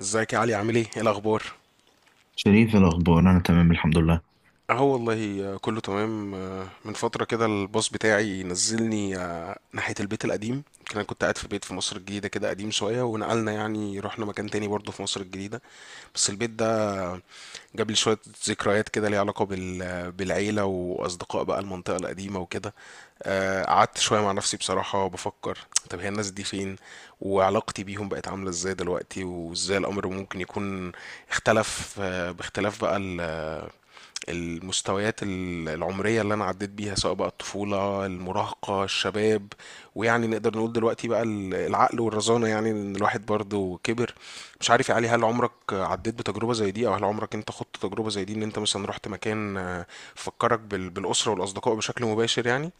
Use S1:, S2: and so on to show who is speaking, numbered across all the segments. S1: ازيك يا علي؟ عامل ايه الاخبار؟
S2: شريف، إيه الأخبار؟ أنا تمام، الحمد لله.
S1: اهو والله، كله تمام. من فتره كده الباص بتاعي نزلني ناحيه البيت القديم. كان انا كنت قاعد في بيت في مصر الجديده كده قديم شويه، ونقلنا يعني رحنا مكان تاني برضه في مصر الجديده. بس البيت ده جاب لي شويه ذكريات كده، ليها علاقه بالعيله واصدقاء بقى المنطقه القديمه وكده. قعدت شويه مع نفسي بصراحه بفكر، طب هي الناس دي فين؟ وعلاقتي بيهم بقت عامله ازاي دلوقتي؟ وازاي الامر ممكن يكون اختلف، باختلاف بقى المستويات العمرية اللي أنا عديت بيها، سواء بقى الطفولة، المراهقة، الشباب، ويعني نقدر نقول دلوقتي بقى العقل والرزانة، يعني إن الواحد برضه كبر. مش عارف يا علي، هل عمرك عديت بتجربة زي دي؟ أو هل عمرك أنت خضت تجربة زي دي، إن أنت مثلا رحت مكان فكرك بالأسرة والأصدقاء بشكل مباشر يعني؟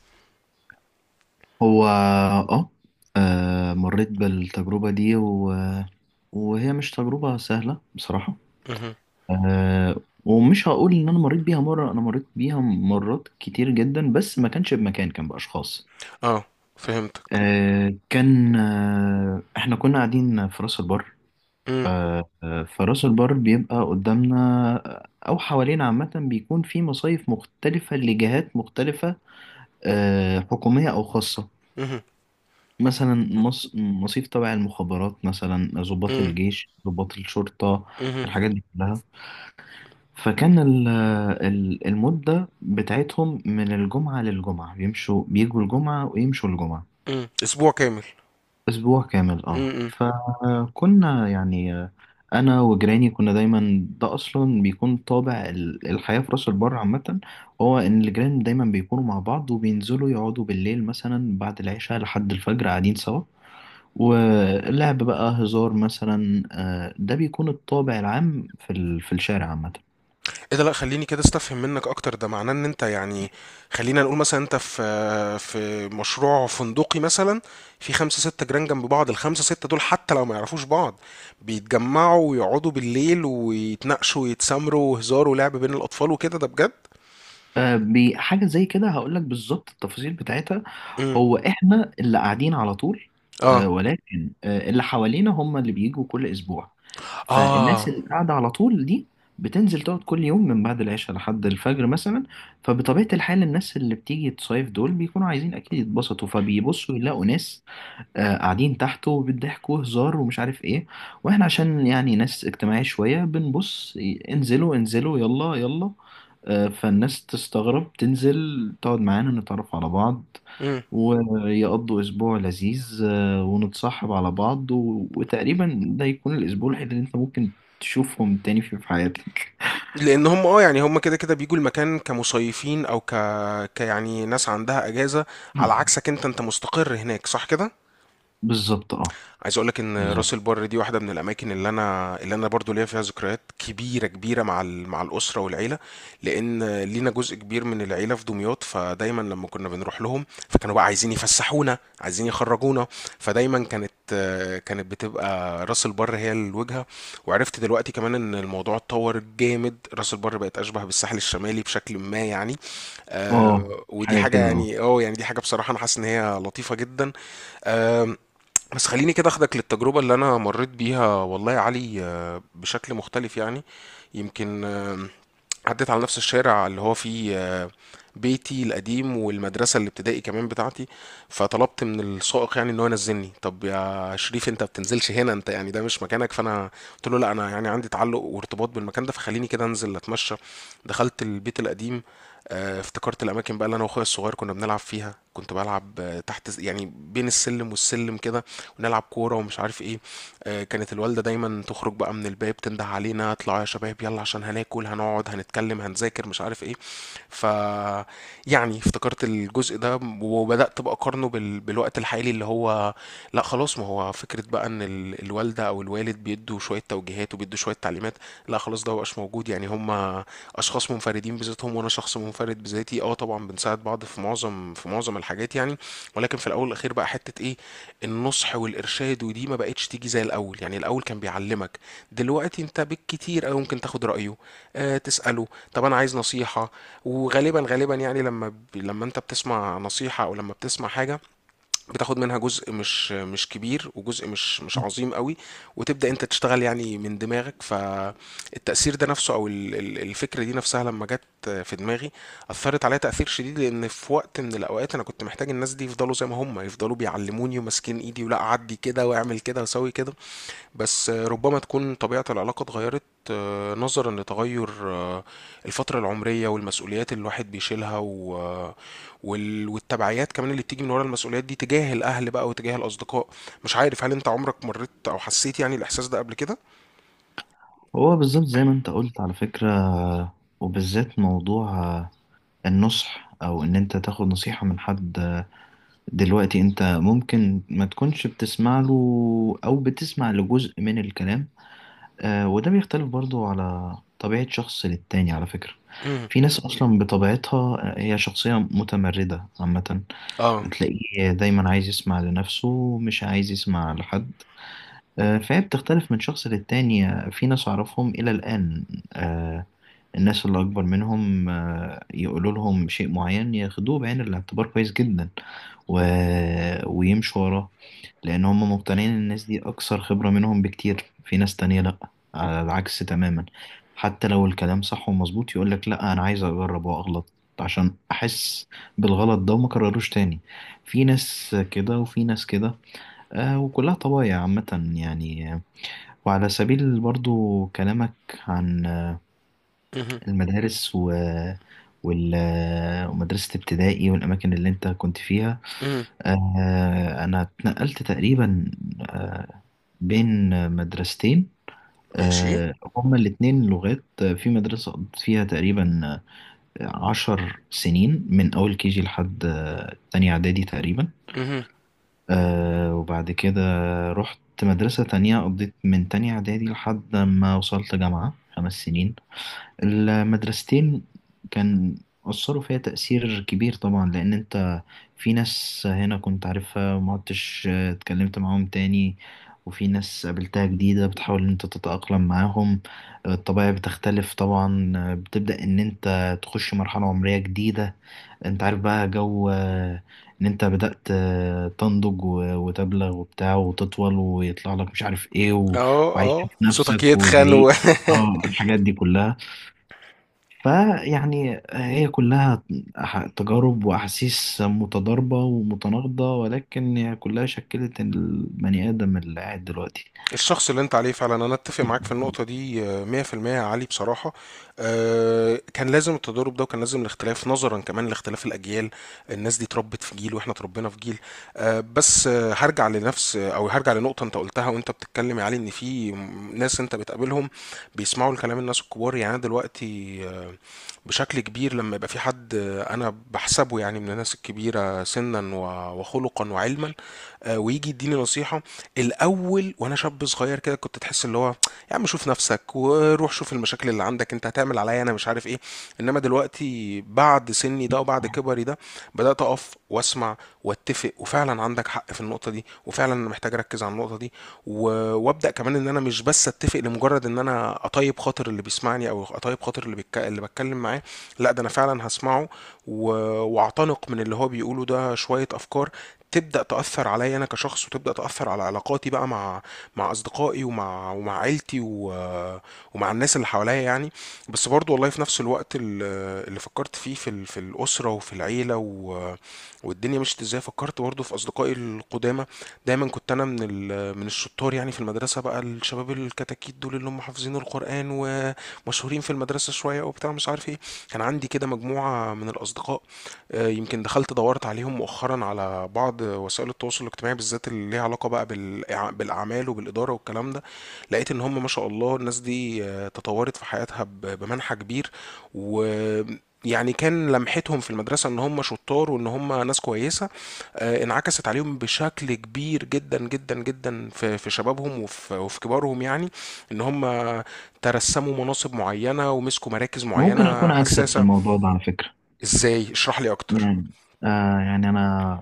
S2: هو مريت بالتجربة دي وهي مش تجربة سهلة بصراحة.
S1: مهم.
S2: ومش هقول إن أنا مريت بيها مرة، أنا مريت بيها مرات كتير جدا، بس ما كانش بمكان، كان بأشخاص.
S1: اه، فهمتك.
S2: آه كان آه إحنا كنا قاعدين في راس البر.
S1: مم.
S2: فراس البر بيبقى قدامنا، أو حوالينا عامة بيكون في مصايف مختلفة لجهات مختلفة، حكومية أو خاصة.
S1: مهم.
S2: مثلا مصيف تبع المخابرات، مثلا ضباط
S1: مم.
S2: الجيش، ضباط الشرطة،
S1: مهم.
S2: الحاجات دي كلها. فكان المدة بتاعتهم من الجمعة للجمعة، بيمشوا بيجوا الجمعة ويمشوا الجمعة.
S1: مم. أسبوع كامل.
S2: أسبوع كامل. اه
S1: مم.
S2: فكنا يعني، أنا وجيراني كنا دايما. ده أصلا بيكون طابع الحياة في راس البر عامة. هو إن الجيران دايما بيكونوا مع بعض، وبينزلوا يقعدوا بالليل مثلا بعد العشاء لحد الفجر قاعدين سوا. واللعب بقى هزار مثلا. ده بيكون الطابع العام في الشارع عامة.
S1: ايه ده؟ لا خليني كده استفهم منك اكتر. ده معناه ان انت يعني خلينا نقول مثلا انت في مشروع فندقي مثلا، في خمسة ستة جيران جنب بعض، الخمسة ستة دول حتى لو ما يعرفوش بعض بيتجمعوا ويقعدوا بالليل ويتناقشوا ويتسامروا وهزار ولعب بين الاطفال وكده؟ ده بجد؟
S2: حاجة زي كده، هقول لك بالظبط التفاصيل بتاعتها.
S1: امم.
S2: هو احنا اللي قاعدين على طول،
S1: اه.
S2: ولكن، اللي حوالينا هم اللي بيجوا كل اسبوع. فالناس
S1: اه.
S2: اللي قاعدة على طول دي بتنزل تقعد كل يوم من بعد العشاء لحد الفجر مثلا. فبطبيعة الحال، الناس اللي بتيجي تصيف دول بيكونوا عايزين أكيد يتبسطوا، فبيبصوا يلاقوا ناس قاعدين تحته بيضحكوا هزار، ومش عارف ايه. واحنا عشان يعني ناس اجتماعية شوية، بنبص: انزلوا انزلوا، يلا يلا. فالناس تستغرب، تنزل تقعد معانا، نتعرف على بعض،
S1: امم.
S2: ويقضوا أسبوع لذيذ، ونتصاحب على بعض وتقريبا ده يكون الأسبوع الوحيد اللي أنت ممكن تشوفهم تاني فيه في حياتك.
S1: لان هم اه يعني هم كده كده بيجوا المكان كمصيفين او كيعني ناس عندها اجازة، على عكسك انت، انت مستقر هناك صح كده؟
S2: بالظبط، اه.
S1: عايز اقول لك ان راس
S2: بالظبط،
S1: البر دي واحده من الاماكن اللي انا برضو ليا فيها ذكريات كبيره كبيره مع مع الاسره والعيله، لان لينا جزء كبير من العيله في دمياط، فدايما لما كنا بنروح لهم فكانوا بقى عايزين يفسحونا، عايزين يخرجونا، فدايما كانت بتبقى راس البر هي الوجهه. وعرفت دلوقتي كمان ان الموضوع اتطور جامد، راس البر بقت اشبه بالساحل الشمالي بشكل ما يعني.
S2: اه.
S1: آه ودي
S2: حاجة
S1: حاجه
S2: كده، اه.
S1: يعني اه يعني دي حاجه بصراحه انا حاسس ان هي لطيفه جدا. بس خليني كده اخدك للتجربة اللي انا مريت بيها والله يا علي، بشكل مختلف يعني. يمكن عديت على نفس الشارع اللي هو فيه بيتي القديم والمدرسة الابتدائي كمان بتاعتي، فطلبت من السائق يعني ان هو ينزلني. طب يا شريف انت بتنزلش هنا، انت يعني ده مش مكانك. فانا قلت له لا، انا يعني عندي تعلق وارتباط بالمكان ده، فخليني كده انزل اتمشى. دخلت البيت القديم، افتكرت الاماكن بقى اللي انا واخويا الصغير كنا بنلعب فيها، كنت بلعب تحت يعني بين السلم والسلم كده، ونلعب كورة ومش عارف ايه. كانت الوالدة دايما تخرج بقى من الباب تنده علينا، اطلعوا يا شباب يلا، عشان هناكل، هنقعد، هنتكلم، هنذاكر، مش عارف ايه. ف يعني افتكرت الجزء ده، وبدأت بقى اقارنه بالوقت الحالي، اللي هو لا خلاص، ما هو فكرة بقى ان الوالدة او الوالد بيدوا شوية توجيهات وبيدوا شوية تعليمات، التجمعات لا خلاص ده مبقاش موجود يعني. هم اشخاص منفردين بذاتهم، وانا شخص منفرد بذاتي. اه طبعا بنساعد بعض في معظم في معظم الحاجات يعني، ولكن في الاول والاخير بقى حته ايه، النصح والارشاد، ودي ما بقتش تيجي زي الاول. يعني الاول كان بيعلمك، دلوقتي انت بالكتير او ممكن تاخد رايه، آه تساله طب انا عايز نصيحه. وغالبا يعني لما لما انت بتسمع نصيحه او لما بتسمع حاجه بتاخد منها جزء مش كبير، وجزء مش عظيم قوي، وتبدأ انت تشتغل يعني من دماغك. فالتأثير ده نفسه او الفكرة دي نفسها لما جت في دماغي أثرت عليا تأثير شديد، لأن في وقت من الأوقات أنا كنت محتاج الناس دي يفضلوا زي ما هم، يفضلوا بيعلموني وماسكين إيدي، ولا أعدي كده وأعمل كده وأسوي كده. بس ربما تكون طبيعة العلاقة اتغيرت، نظرا لتغير الفترة العمرية والمسؤوليات اللي الواحد بيشيلها و... والتبعيات كمان اللي بتيجي من ورا المسؤوليات دي تجاه الأهل بقى وتجاه الأصدقاء. مش عارف هل أنت عمرك مريت أو حسيت يعني الإحساس ده قبل كده؟
S2: هو بالظبط زي ما أنت قلت على فكرة، وبالذات موضوع النصح، او ان انت تاخد نصيحة من حد. دلوقتي انت ممكن ما تكونش بتسمع له، او بتسمع لجزء من الكلام. وده بيختلف برضو على طبيعة شخص للتاني، على فكرة.
S1: مهم.
S2: في ناس اصلا بطبيعتها هي شخصية متمردة عامة،
S1: اه.
S2: تلاقيه دايما عايز يسمع لنفسه، مش عايز يسمع لحد. فهي بتختلف من شخص للتاني. في ناس أعرفهم إلى الآن، آه، الناس اللي أكبر منهم، يقولوا لهم شيء معين، ياخدوه بعين الاعتبار كويس جدا و... ويمشوا وراه، لأن هم مقتنعين إن الناس دي أكثر خبرة منهم بكتير. في ناس تانية لأ، على العكس تماما. حتى لو الكلام صح ومظبوط، يقولك لأ، أنا عايز أجرب وأغلط عشان أحس بالغلط ده وما كرروش تاني. في ناس كده وفي ناس كده. وكلها طبايع عامة يعني. وعلى سبيل برضو كلامك عن
S1: مهم.
S2: المدارس و وال- آه، ومدرسة ابتدائي والأماكن اللي أنت كنت فيها،
S1: مهم.
S2: أنا اتنقلت تقريبا آه، بين مدرستين،
S1: ماشي.
S2: هما الاتنين لغات. في مدرسة قضيت فيها تقريبا، 10 سنين، من أول كيجي لحد تانية إعدادي تقريبا.
S1: مهم.
S2: وبعد كده رحت مدرسة تانية، قضيت من تانية إعدادي لحد ما وصلت جامعة، 5 سنين. المدرستين كان أثروا فيا تأثير كبير طبعا، لأن أنت في ناس هنا كنت عارفها ما عدتش اتكلمت معاهم تاني، وفي ناس قابلتها جديدة بتحاول إن أنت تتأقلم معاهم. الطبيعة بتختلف طبعا، بتبدأ إن أنت تخش مرحلة عمرية جديدة. انت عارف بقى جو، ان انت بدأت تنضج وتبلغ وبتاع وتطول، ويطلع لك مش عارف ايه
S1: اه.
S2: وعايش
S1: اه
S2: في
S1: صوتك
S2: نفسك
S1: يتخن.
S2: والهيئ. اه الحاجات دي كلها، فيعني هي كلها تجارب واحاسيس متضاربة ومتناقضة، ولكن هي كلها شكلت البني ادم اللي قاعد دلوقتي.
S1: الشخص اللي انت عليه فعلا، انا اتفق معاك في النقطة دي 100% يا علي بصراحة. كان لازم التضارب ده، وكان لازم الاختلاف نظرا كمان لاختلاف الاجيال، الناس دي اتربت في جيل واحنا اتربينا في جيل. بس هرجع لنفس او هرجع لنقطة انت قلتها وانت بتتكلم يا علي، ان في ناس انت بتقابلهم بيسمعوا الكلام الناس الكبار. يعني أنا دلوقتي بشكل كبير لما يبقى في حد انا بحسبه يعني من الناس الكبيرة سنا وخلقا وعلما ويجي يديني نصيحه، الاول وانا شاب صغير كده كنت تحس اللي هو يا عم شوف نفسك وروح شوف المشاكل اللي عندك، انت هتعمل عليا انا مش عارف ايه. انما دلوقتي بعد سني ده وبعد كبري ده، بدات اقف واسمع واتفق، وفعلا عندك حق في النقطه دي، وفعلا انا محتاج اركز على النقطه دي. و... وابدا كمان ان انا مش بس اتفق لمجرد ان انا اطيب خاطر اللي بيسمعني او اطيب خاطر اللي اللي بتكلم معاه، لا ده انا فعلا هسمعه. و... واعتنق من اللي هو بيقوله ده شويه افكار تبدا تاثر عليا انا كشخص، وتبدا تاثر على علاقاتي بقى مع اصدقائي ومع عيلتي و... ومع الناس اللي حواليا يعني. بس برضو والله في نفس الوقت اللي فكرت فيه في في الاسره وفي العيله و... والدنيا مشيت ازاي، فكرت برضه في اصدقائي القدامى. دايما كنت انا من من الشطار يعني في المدرسه، بقى الشباب الكتاكيت دول اللي هم حافظين القران ومشهورين في المدرسه شويه وبتاع مش عارف ايه، كان عندي كده مجموعه من الاصدقاء. يمكن دخلت دورت عليهم مؤخرا على بعض وسائل التواصل الاجتماعي، بالذات اللي ليها علاقه بقى بالاعمال وبالاداره والكلام ده، لقيت ان هم ما شاء الله الناس دي تطورت في حياتها بمنحى كبير. و يعني كان لمحتهم في المدرسة ان هم شطار وان هم ناس كويسة انعكست عليهم بشكل كبير جدا جدا جدا في شبابهم وفي كبارهم، يعني ان هم ترسموا مناصب معينة ومسكوا مراكز
S2: ممكن اكون
S1: معينة
S2: عكسك في
S1: حساسة.
S2: الموضوع ده على فكرة.
S1: ازاي؟ اشرح لي اكتر.
S2: يعني يعني انا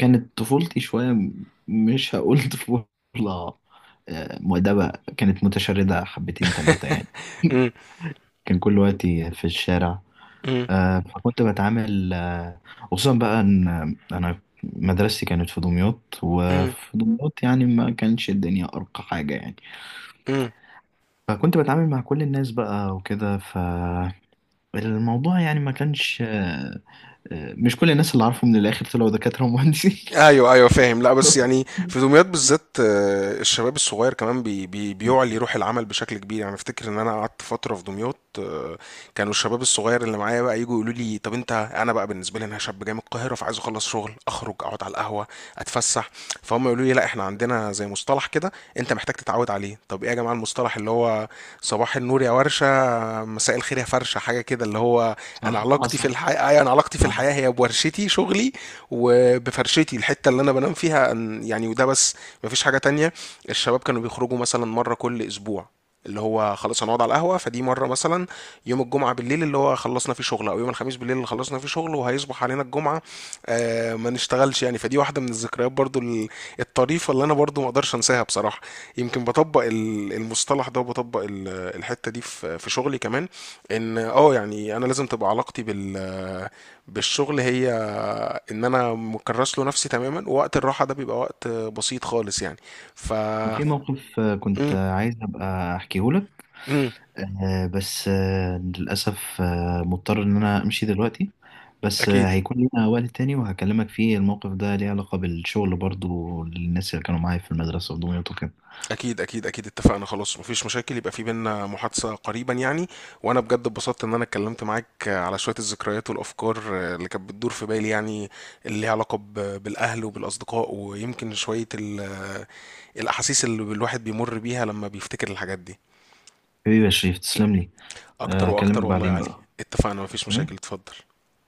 S2: كانت طفولتي شوية، مش هقول طفولة مؤدبة. كانت متشردة حبتين تلاتة يعني.
S1: مم،
S2: كان كل وقتي في الشارع.
S1: مم،
S2: فكنت بتعامل، خصوصا بقى ان انا مدرستي كانت في دمياط،
S1: مم،
S2: وفي دمياط يعني ما كانش الدنيا ارقى حاجة يعني.
S1: مم.
S2: فكنت بتعامل مع كل الناس بقى وكده. فالموضوع يعني ما كانش مش كل الناس اللي عارفه من الاخر طلعوا دكاترة ومهندسين.
S1: ايوه ايوه فاهم. لا بس يعني في دمياط بالذات الشباب الصغير كمان بي بي بيعلي روح العمل بشكل كبير يعني. افتكر ان انا قعدت فتره في دمياط كانوا الشباب الصغير اللي معايا بقى يجوا يقولوا لي، طب انت، انا بقى بالنسبه لي انا شاب جاي من القاهره، فعايز اخلص شغل اخرج اقعد على القهوه، اتفسح، فهم يقولوا لي لا احنا عندنا زي مصطلح كده انت محتاج تتعود عليه. طب ايه يا جماعه المصطلح؟ اللي هو صباح النور يا ورشه، مساء الخير يا فرشه، حاجه كده اللي هو انا
S2: صح،
S1: علاقتي في
S2: حصل.
S1: الحياه،
S2: صح،
S1: هي بورشتي شغلي، وبفرشتي الحته اللي انا بنام فيها يعني، وده بس، مفيش حاجه تانية. الشباب كانوا بيخرجوا مثلا مره كل اسبوع اللي هو خلاص هنقعد على القهوه، فدي مره مثلا يوم الجمعه بالليل اللي هو خلصنا فيه شغل، او يوم الخميس بالليل اللي خلصنا فيه شغل وهيصبح علينا الجمعه آه ما نشتغلش يعني. فدي واحده من الذكريات برضو الطريفه اللي انا برضو ما اقدرش انساها بصراحه. يمكن بطبق المصطلح ده، وبطبق الحته دي في شغلي كمان، ان اه يعني انا لازم تبقى علاقتي بال بالشغل هي ان انا مكرس له نفسي تماما، ووقت الراحه ده بيبقى وقت بسيط خالص يعني. ف
S2: كان في موقف، كنت
S1: امم.
S2: عايز ابقى احكيه لك،
S1: امم.
S2: بس، للاسف، مضطر ان انا امشي دلوقتي. بس،
S1: اكيد،
S2: هيكون لنا وقت تاني وهكلمك فيه. الموقف ده ليه علاقة بالشغل برضو، للناس اللي كانوا معايا في المدرسة في دمياط وكده.
S1: اكيد اتفقنا، خلاص مفيش مشاكل، يبقى في بينا محادثه قريبا يعني. وانا بجد اتبسطت ان انا اتكلمت معاك على شويه الذكريات والافكار اللي كانت بتدور في بالي، يعني اللي ليها علاقه بالاهل وبالاصدقاء، ويمكن شويه الاحاسيس اللي الواحد بيمر بيها لما بيفتكر الحاجات دي.
S2: حبيبي يا شريف، تسلم لي.
S1: اكتر واكتر
S2: اكلمك
S1: والله يا
S2: بعدين
S1: علي.
S2: بقى.
S1: اتفقنا، مفيش
S2: اوكي،
S1: مشاكل، اتفضل.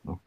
S2: اوكي.